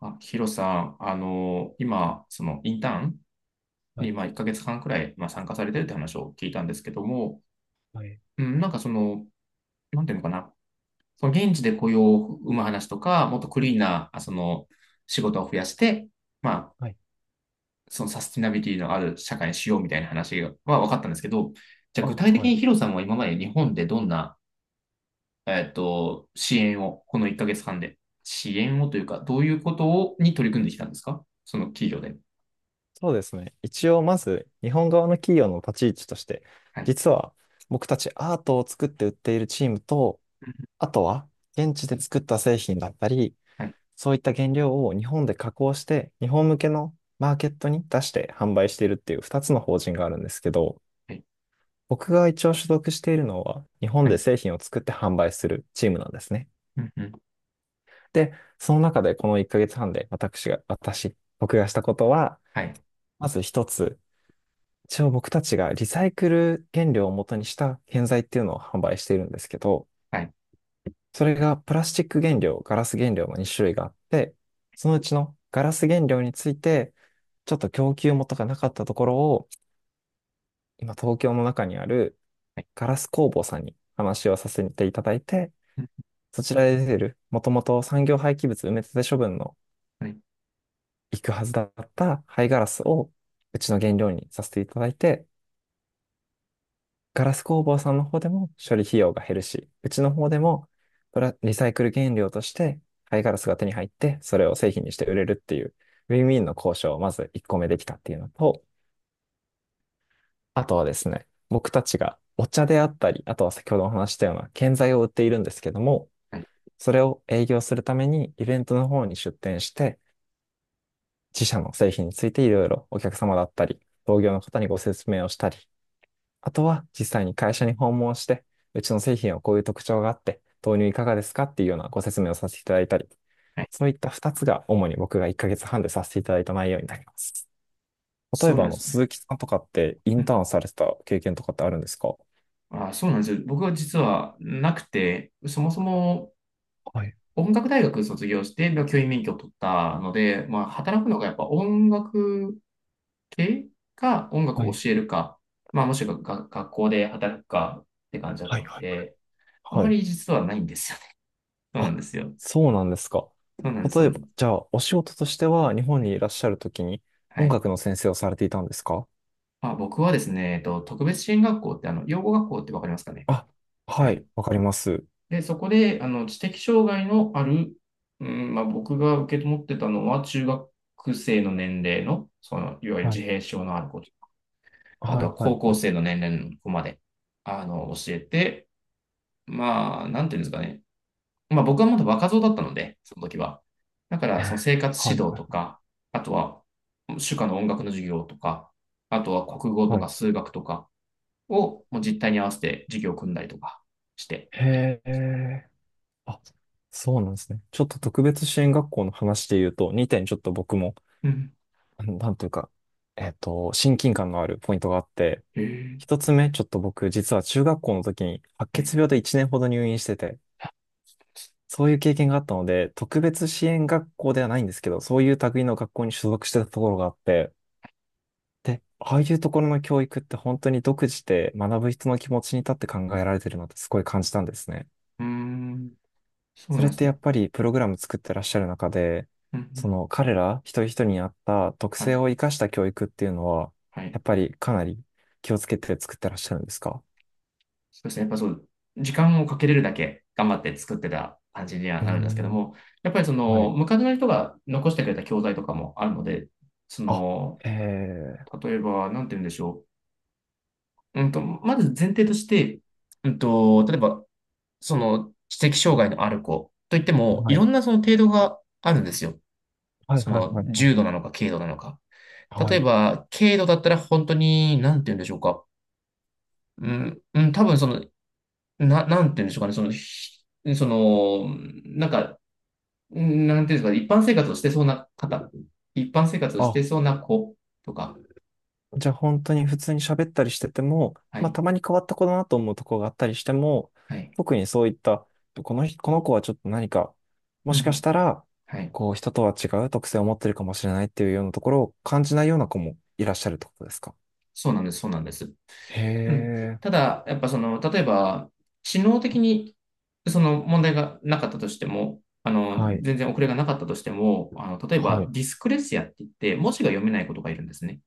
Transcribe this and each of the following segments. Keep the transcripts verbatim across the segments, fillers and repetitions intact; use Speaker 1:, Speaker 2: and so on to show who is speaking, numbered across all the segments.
Speaker 1: あ、ヒロさん、あの、今、そのインターン
Speaker 2: は
Speaker 1: に、
Speaker 2: い、
Speaker 1: まあ、いっかげつはんくらい、まあ、参加されてるって話を聞いたんですけども、
Speaker 2: はい、
Speaker 1: うん、なんかその、なんていうのかな、その現地で雇用を生む話とか、もっとクリーンな、あその、仕事を増やして、まあ、
Speaker 2: はい。
Speaker 1: そのサスティナビリティのある社会にしようみたいな話は分かったんですけど、じゃあ具
Speaker 2: あ、
Speaker 1: 体的
Speaker 2: は
Speaker 1: に
Speaker 2: い。
Speaker 1: ヒロさんは今まで日本でどんな、えっと、支援を、このいっかげつはんで、支援をというか、どういうことをに取り組んできたんですかその企業で。
Speaker 2: そうですね。一応、まず、日本側の企業の立ち位置として、
Speaker 1: はい。
Speaker 2: 実は、僕たちアートを作って売っているチームと、あとは、現地で作った製品だったり、
Speaker 1: はい
Speaker 2: そういった原料を日本で加工して、日本向けのマーケットに出して販売しているっていうふたつの法人があるんですけど、
Speaker 1: はい。
Speaker 2: 僕が一応所属しているのは、日本
Speaker 1: は
Speaker 2: で
Speaker 1: い。
Speaker 2: 製品を作って販売するチームなんですね。
Speaker 1: うんうん。
Speaker 2: で、その中でこのいっかげつはんで私が、私、僕がしたことは、
Speaker 1: はい。
Speaker 2: まず一つ、一応僕たちがリサイクル原料を元にした建材っていうのを販売しているんですけど、
Speaker 1: はい。
Speaker 2: それがプラスチック原料、ガラス原料のに種類があって、そのうちのガラス原料について、ちょっと供給元がなかったところを、今東京の中にある
Speaker 1: はい。
Speaker 2: ガラス工房さんに話をさせていただいて、
Speaker 1: うん、
Speaker 2: そちらで出てる、もともと産業廃棄物埋め立て処分の
Speaker 1: はい。
Speaker 2: 行くはずだった廃ガラスをうちの原料にさせていただいて、ガラス工房さんの方でも処理費用が減るし、うちの方でもプラリサイクル原料として貝ガラスが手に入って、それを製品にして売れるっていう、ウィンウィンの交渉をまずいっこめできたっていうのと、あとはですね、僕たちがお茶であったり、あとは先ほどお話ししたような建材を売っているんですけども、
Speaker 1: はい。
Speaker 2: それを営業するためにイベントの方に出店して、自社の製品についていろいろお客様だったり、同業の方にご説明をしたり、あとは実際に会社に訪問して、うちの製品はこういう特徴があって、導入いかがですかっていうようなご説明をさせていただいたり、
Speaker 1: はい。
Speaker 2: そういったふたつが主に僕がいっかげつはんでさせていただいた内容になります。例え
Speaker 1: そうな
Speaker 2: ば、
Speaker 1: ん
Speaker 2: あ
Speaker 1: で
Speaker 2: の、
Speaker 1: すね。
Speaker 2: 鈴木さんとかってイ
Speaker 1: う
Speaker 2: ンタ
Speaker 1: ん。
Speaker 2: ーンされてた経験とかってあるんですか？
Speaker 1: あ、そうなんですよ。僕は実はなくて、そもそも
Speaker 2: はい、
Speaker 1: 音楽大学卒業して、まあ教員免許を取ったので、まあ、働くのがやっぱ音楽系か、音楽
Speaker 2: は
Speaker 1: を
Speaker 2: い、
Speaker 1: 教えるか、まあ、もしくはが学校で働くかって感じだっ
Speaker 2: は
Speaker 1: た
Speaker 2: い、
Speaker 1: の
Speaker 2: はい。
Speaker 1: で、あん
Speaker 2: は
Speaker 1: ま
Speaker 2: い。
Speaker 1: り実はないんですよね。そうな
Speaker 2: あ、
Speaker 1: んですよ。
Speaker 2: そうなんですか。
Speaker 1: そうなんです。そ
Speaker 2: 例
Speaker 1: う
Speaker 2: え
Speaker 1: なん
Speaker 2: ば、
Speaker 1: です、
Speaker 2: じゃあ、お仕事としては日本にいらっしゃるときに
Speaker 1: は
Speaker 2: 音
Speaker 1: い。
Speaker 2: 楽の先生をされていたんですか？
Speaker 1: まあ、僕はですね、えっと、特別支援学校って、あの、養護学校ってわかりますかね。
Speaker 2: あ、
Speaker 1: は
Speaker 2: は
Speaker 1: い。
Speaker 2: い、わかります。
Speaker 1: で、そこで、あの、知的障害のある、うん、まあ、僕が受け持ってたのは、中学生の年齢の、その、いわゆる
Speaker 2: は
Speaker 1: 自
Speaker 2: い
Speaker 1: 閉症のある子と、あ
Speaker 2: は
Speaker 1: と
Speaker 2: い、
Speaker 1: は
Speaker 2: はい、
Speaker 1: 高
Speaker 2: は
Speaker 1: 校
Speaker 2: い。
Speaker 1: 生の年齢の子まで、あの、教えて、まあ、なんていうんですかね。まあ、僕はまだ若造だったので、その時は。だから、その生 活
Speaker 2: はい、は
Speaker 1: 指導と
Speaker 2: い。
Speaker 1: か、あとは、主科の音楽の授業とか、あとは国語と
Speaker 2: は
Speaker 1: か
Speaker 2: い。
Speaker 1: 数学とかを、もう実態に合わせて授業を組んだりとかして。
Speaker 2: へえ。あ、そうなんですね。ちょっと特別支援学校の話で言うと、にてんちょっと僕も、
Speaker 1: うん。
Speaker 2: あのなんというか、えっと、親近感のあるポイントがあって、
Speaker 1: へえ。
Speaker 2: 一つ目、ちょっと僕、実は中学校の時に白
Speaker 1: はい。
Speaker 2: 血病でいちねんほど入院してて、そういう経験があったので、特別支援学校ではないんですけど、そういう類の学校に所属してたところがあって、で、ああいうところの教育って本当に独自で学ぶ人の気持ちに立って考えられてるなってすごい感じたんですね。
Speaker 1: うーん、そう
Speaker 2: そ
Speaker 1: なん
Speaker 2: れ
Speaker 1: で
Speaker 2: っ
Speaker 1: す
Speaker 2: て
Speaker 1: ね。
Speaker 2: やっぱりプログラム作ってらっしゃる中で、
Speaker 1: うんう
Speaker 2: そ
Speaker 1: ん、
Speaker 2: の彼ら一人一人に合った特
Speaker 1: は
Speaker 2: 性
Speaker 1: い、
Speaker 2: を生かした教育っていうのは、
Speaker 1: はい。
Speaker 2: やっぱりかなり気をつけて作ってらっしゃるんですか？
Speaker 1: そうですね。やっぱそう、時間をかけれるだけ頑張って作ってた感じには
Speaker 2: うー
Speaker 1: なるんですけど
Speaker 2: ん
Speaker 1: も、やっぱりそ
Speaker 2: は
Speaker 1: の、
Speaker 2: い。
Speaker 1: 昔の人が残してくれた教材とかもあるので、そ
Speaker 2: あ、
Speaker 1: の、
Speaker 2: えー、
Speaker 1: 例えば、なんて言うんでしょう。うんと、まず前提として、うんと、例えば、その、知的障害のある子といっても、
Speaker 2: は
Speaker 1: い
Speaker 2: い。
Speaker 1: ろんなその程度があるんですよ。
Speaker 2: はい
Speaker 1: そ
Speaker 2: はい
Speaker 1: の、
Speaker 2: はいはい。
Speaker 1: 重度なのか、軽度なのか。
Speaker 2: は
Speaker 1: 例え
Speaker 2: い。
Speaker 1: ば、軽度だったら本当に、なんて言うんでしょうか。うん、うん、多分その、な、なんて言うんでしょうかね、その、ひその、なんか、うん、なんていうんですかね、一般生活をしてそうな方、一般生活をして
Speaker 2: あ、
Speaker 1: そうな子とか、
Speaker 2: じゃあ本当に普通に喋ったりしてても、
Speaker 1: は
Speaker 2: まあ
Speaker 1: い、
Speaker 2: たまに変わった子だなと思うとこがあったりしても、
Speaker 1: はい、
Speaker 2: 特にそういった、この人、この子はちょっと何か、
Speaker 1: う
Speaker 2: も
Speaker 1: んう
Speaker 2: しかし
Speaker 1: ん、
Speaker 2: たら、
Speaker 1: はい、
Speaker 2: こう人とは違う特性を持ってるかもしれないっていうようなところを感じないような子もいらっしゃるってことですか？
Speaker 1: そうなんです、そうなんです。
Speaker 2: へ
Speaker 1: うん、
Speaker 2: え、
Speaker 1: ただ、やっぱその、例えば、知能的に、その問題がなかったとしても、あの、
Speaker 2: はい、
Speaker 1: 全然遅れがなかったとしても、あの、例え
Speaker 2: は
Speaker 1: ば、
Speaker 2: い。
Speaker 1: ディスクレシアって言って、文字が読めない子とかいるんですね。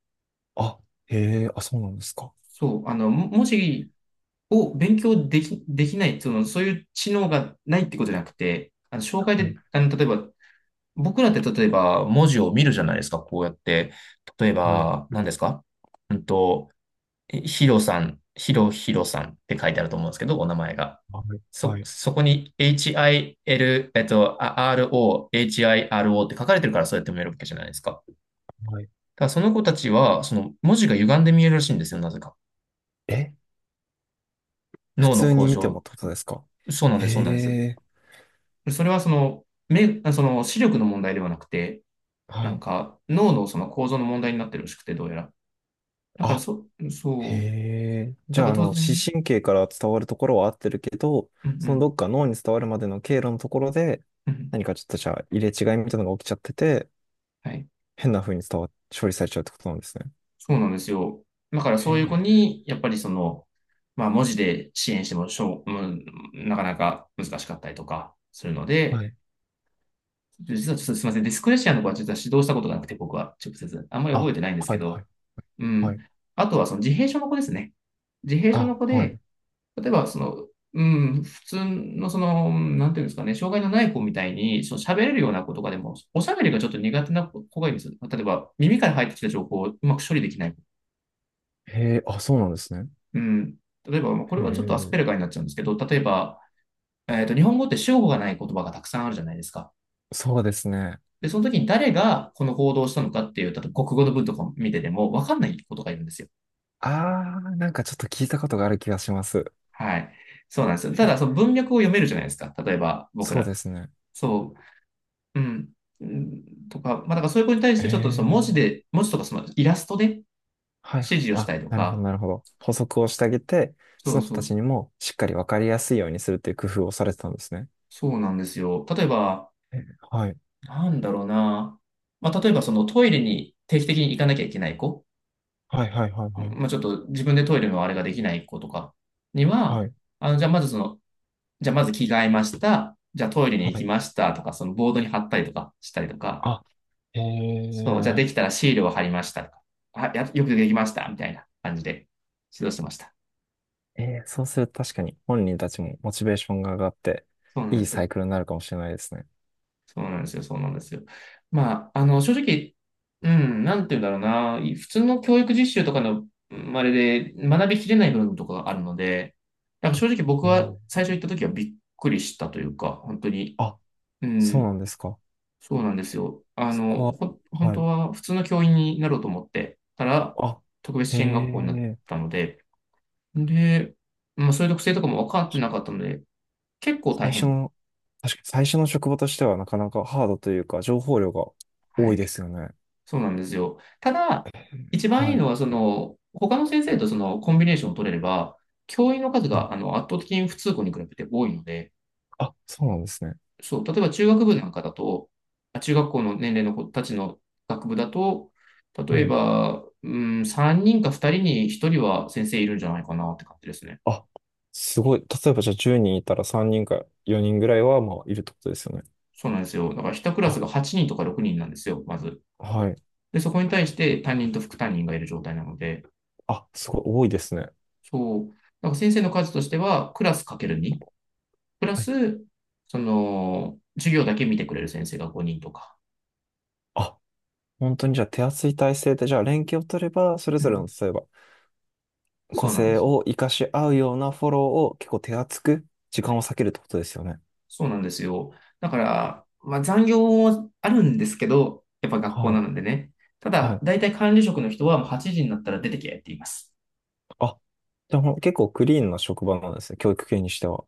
Speaker 2: あ、へえ、あ、そうなんですか。
Speaker 1: そう、あの、も文
Speaker 2: え
Speaker 1: 字を勉強でき、できない、その、そういう知能がないってことじゃなくて、あの、障害
Speaker 2: はい、
Speaker 1: で、あの、例えば、僕らって例えば文字を見るじゃないですか、こうやって。例え
Speaker 2: はい、
Speaker 1: ば、何ですか。うんと、えヒロさん、ヒロヒロさんって書いてあると思うんですけど、お名前が。
Speaker 2: はい、
Speaker 1: そ、
Speaker 2: はい、
Speaker 1: そこに エイチアイエル、えっと、あ アールオー、ヒロ って書かれてるからそうやって見えるわけじゃないですか。
Speaker 2: はい。
Speaker 1: だからその子たちは、その文字が歪んで見えるらしいんですよ、なぜか。
Speaker 2: え普
Speaker 1: 脳の
Speaker 2: 通
Speaker 1: 向
Speaker 2: に見ても
Speaker 1: 上。
Speaker 2: ってことですか？
Speaker 1: そうなん
Speaker 2: へ
Speaker 1: です、そうなんです。
Speaker 2: え、
Speaker 1: それはその、目、あその視力の問題ではなくて、な
Speaker 2: は
Speaker 1: ん
Speaker 2: い。
Speaker 1: か脳のその構造の問題になってるらしくて、どうやら。だから
Speaker 2: あ
Speaker 1: そ、
Speaker 2: へ
Speaker 1: そう、
Speaker 2: え。じ
Speaker 1: なん
Speaker 2: ゃあ、
Speaker 1: か
Speaker 2: あ
Speaker 1: 当
Speaker 2: の、視
Speaker 1: 然、
Speaker 2: 神経から伝わるところは合ってるけど、
Speaker 1: うんう
Speaker 2: その
Speaker 1: ん、
Speaker 2: どっか脳に伝わるまでの経路のところで、
Speaker 1: うん、
Speaker 2: 何かちょっとじゃあ入れ違いみたいなのが起きちゃってて、
Speaker 1: はい、
Speaker 2: 変な風に伝わ、処理されちゃうってことなんですね。
Speaker 1: そうなんですよ。だから
Speaker 2: へ
Speaker 1: そういう子
Speaker 2: え。
Speaker 1: に、やっぱりその、まあ文字で支援してもしょう、うん、なかなか難しかったりとかするの
Speaker 2: は
Speaker 1: で、
Speaker 2: い。
Speaker 1: 実はちょっとすみません、ディスクレシアの子は実は指導したことがなくて、僕は直接、あんまり覚え
Speaker 2: あ、
Speaker 1: てないんです
Speaker 2: は
Speaker 1: け
Speaker 2: いは
Speaker 1: ど、
Speaker 2: い
Speaker 1: う
Speaker 2: は
Speaker 1: ん。
Speaker 2: い。
Speaker 1: あとはその自閉症の子ですね。自閉症の
Speaker 2: あ、
Speaker 1: 子
Speaker 2: は
Speaker 1: で、
Speaker 2: い。
Speaker 1: 例えば、その、うん、普通の、その、なんていうんですかね、障害のない子みたいに、その喋れるような子とかでも、おしゃべりがちょっと苦手な子がいるんですよ。例えば、耳から入ってきた情報をうまく処理できない子。
Speaker 2: へえ、あ、そうなんですね。
Speaker 1: うん。例えば、これ
Speaker 2: へ
Speaker 1: はちょっとアス
Speaker 2: え。
Speaker 1: ペルガーになっちゃうんですけど、例えば、えっと、日本語って主語がない言葉がたくさんあるじゃないですか。
Speaker 2: そうですね。
Speaker 1: で、その時に誰がこの行動をしたのかっていう、例えば国語の文とか見てても、わかんないことがいるんですよ。
Speaker 2: あー、なんかちょっと聞いたことがある気がします。
Speaker 1: はい。そうなんですよ。
Speaker 2: へ
Speaker 1: ただ、
Speaker 2: え。
Speaker 1: その文脈を読めるじゃないですか。例えば、僕
Speaker 2: そう
Speaker 1: ら。
Speaker 2: ですね。
Speaker 1: そう。うん。うんとか、まあ、だからそういう子に対し
Speaker 2: へ
Speaker 1: てちょっとその文
Speaker 2: え。
Speaker 1: 字で、文字とかそのイラストで指
Speaker 2: はい。
Speaker 1: 示をし
Speaker 2: あ、
Speaker 1: たりと
Speaker 2: なるほど、
Speaker 1: か、
Speaker 2: なるほど。補足をしてあげて、
Speaker 1: そ
Speaker 2: そ
Speaker 1: う
Speaker 2: の子
Speaker 1: そ
Speaker 2: た
Speaker 1: う、
Speaker 2: ちにもしっかりわかりやすいようにするっていう工夫をされてたんですね。
Speaker 1: そうなんですよ。例えば、
Speaker 2: えはい。
Speaker 1: なんだろうな。まあ、例えばそのトイレに定期的に行かなきゃいけない子、
Speaker 2: はい、はい、はい、はい。
Speaker 1: まあ、ちょっと自分でトイレのあれができない子とかには、
Speaker 2: はい、
Speaker 1: あの、じゃあまずその、じゃあまず着替えました。じゃあトイレに行
Speaker 2: は
Speaker 1: き
Speaker 2: い。
Speaker 1: ましたとか、そのボードに貼ったりとかしたりとか、
Speaker 2: あ、え
Speaker 1: そう、じゃあ
Speaker 2: ー、
Speaker 1: できたらシールを貼りましたとか、あ、や、よくできましたみたいな感じで指導してました。
Speaker 2: えー、そうすると確かに本人たちもモチベーションが上がって、
Speaker 1: そうなんで
Speaker 2: いいサ
Speaker 1: す。
Speaker 2: イクルになるかもしれないですね。
Speaker 1: そうなんですよ。そうなんですよ。まあ、あの、正直、うん、なんて言うんだろうな。普通の教育実習とかの、うん、あれで学びきれない部分とかがあるので、なんか正直僕
Speaker 2: えー
Speaker 1: は最初行った時はびっくりしたというか、本当に、
Speaker 2: あ、
Speaker 1: う
Speaker 2: そう
Speaker 1: ん、
Speaker 2: なんですか。
Speaker 1: そうなんですよ。あ
Speaker 2: そ
Speaker 1: の、
Speaker 2: こは、
Speaker 1: ほ、本
Speaker 2: は
Speaker 1: 当
Speaker 2: い。
Speaker 1: は普通の教員になろうと思ってたら、
Speaker 2: あ、
Speaker 1: 特別
Speaker 2: へ
Speaker 1: 支援学校になっ
Speaker 2: え、
Speaker 1: たので、で、まあそういう特性とかも分かって
Speaker 2: 確
Speaker 1: な
Speaker 2: か
Speaker 1: かった
Speaker 2: に
Speaker 1: ので、結構大
Speaker 2: 最初
Speaker 1: 変。
Speaker 2: の、確かに最初の職場としてはなかなかハードというか、情報量が
Speaker 1: は
Speaker 2: 多い
Speaker 1: い。
Speaker 2: ですよね。
Speaker 1: そうなんですよ。ただ、一番いい
Speaker 2: はい。
Speaker 1: のは、その、他の先生とそのコンビネーションを取れれば、教員の数
Speaker 2: はい。
Speaker 1: があの圧倒的に普通校に比べて多いので、
Speaker 2: あ、そうなんですね。
Speaker 1: そう、例えば中学部なんかだと、あ中学校の年齢の子たちの学部だと、例
Speaker 2: は
Speaker 1: え
Speaker 2: い。
Speaker 1: ば、うん、さんにんかふたりにひとりは先生いるんじゃないかなって感じですね。
Speaker 2: あ、すごい。例えばじゃあじゅうにんいたらさんにんかよにんぐらいはまあいるってことですよね。
Speaker 1: そうなんですよ。だからいちクラス
Speaker 2: あ、
Speaker 1: がはちにんとかろくにんなんですよ、まず。
Speaker 2: はい。
Speaker 1: で、そこに対して担任と副担任がいる状態なので、
Speaker 2: あ、すごい多いですね。
Speaker 1: そう。だから先生の数としては、クラスかけるににプラ
Speaker 2: はい。
Speaker 1: ス、その、授業だけ見てくれる先生がごにんとか。
Speaker 2: あ、本当にじゃあ手厚い体制で、じゃあ連携を取れば、それ
Speaker 1: う
Speaker 2: ぞれの
Speaker 1: ん。
Speaker 2: 例えば
Speaker 1: そ
Speaker 2: 個
Speaker 1: うなんで
Speaker 2: 性
Speaker 1: す。
Speaker 2: を活かし合うようなフォローを結構手厚く時
Speaker 1: は
Speaker 2: 間
Speaker 1: い。
Speaker 2: を割けるってことですよね。
Speaker 1: そうなんですよ。だから、まあ残業もあるんですけど、やっぱ学校
Speaker 2: は
Speaker 1: な
Speaker 2: い。
Speaker 1: のでね。た
Speaker 2: は
Speaker 1: だ、
Speaker 2: い。
Speaker 1: 大体管理職の人はもうはちじになったら出てけって言います。
Speaker 2: あ、じゃあもう結構クリーンな職場なんですね。教育系にしては。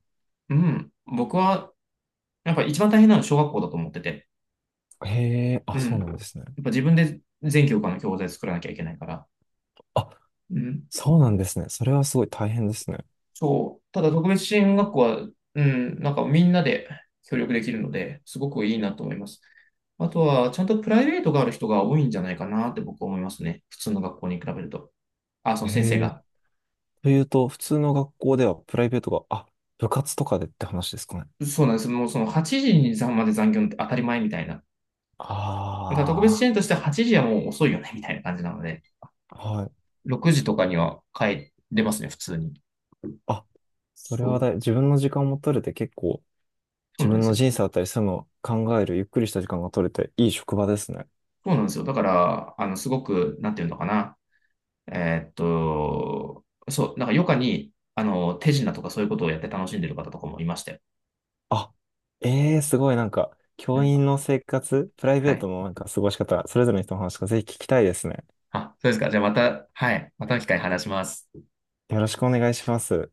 Speaker 1: うん。僕は、やっぱ一番大変なのは小学校だと思ってて。
Speaker 2: へえ、
Speaker 1: う
Speaker 2: あ、そ
Speaker 1: ん。
Speaker 2: う
Speaker 1: やっ
Speaker 2: なんですね。
Speaker 1: ぱ自分で全教科の教材作らなきゃいけないから。
Speaker 2: あ、
Speaker 1: うん。
Speaker 2: そうなんですね。それはすごい大変ですね。
Speaker 1: そう。ただ特別支援学校は、うん、なんかみんなで協力できるので、すごくいいなと思います。あとは、ちゃんとプライベートがある人が多いんじゃないかなって僕は思いますね。普通の学校に比べると。あ、その先生
Speaker 2: へえ。
Speaker 1: が。
Speaker 2: というと、普通の学校ではプライベートが、あ、部活とかでって話ですかね。
Speaker 1: そうなんです。もうそのはちじに残まで残業って当たり前みたいな。ただ特別
Speaker 2: あ
Speaker 1: 支援としてははちじはもう遅いよねみたいな感じなので、
Speaker 2: あ、はい。
Speaker 1: ろくじとかには帰れますね、普通に。
Speaker 2: あ、それ
Speaker 1: そ
Speaker 2: は
Speaker 1: う、
Speaker 2: だい、自分の時間も取れて結構、
Speaker 1: そう
Speaker 2: 自
Speaker 1: なんで
Speaker 2: 分
Speaker 1: す
Speaker 2: の
Speaker 1: よ。
Speaker 2: 人生だったり、そういうのを考える、ゆっくりした時間が取れて、いい職場ですね。
Speaker 1: そうなんですよ。だから、あの、すごく、なんていうのかな。えーっと、そう、なんか余暇に、あの、手品とかそういうことをやって楽しんでる方とかもいましたよ。
Speaker 2: あ、ええー、すごいなんか、
Speaker 1: う
Speaker 2: 教
Speaker 1: ん。
Speaker 2: 員の生活、プライ
Speaker 1: は
Speaker 2: ベー
Speaker 1: い。
Speaker 2: トのなんか過ごし方、それぞれの人の話がぜひ聞きたいですね。
Speaker 1: あ、そうですか。じゃあまた、はい。またの機会に話します。
Speaker 2: よろしくお願いします。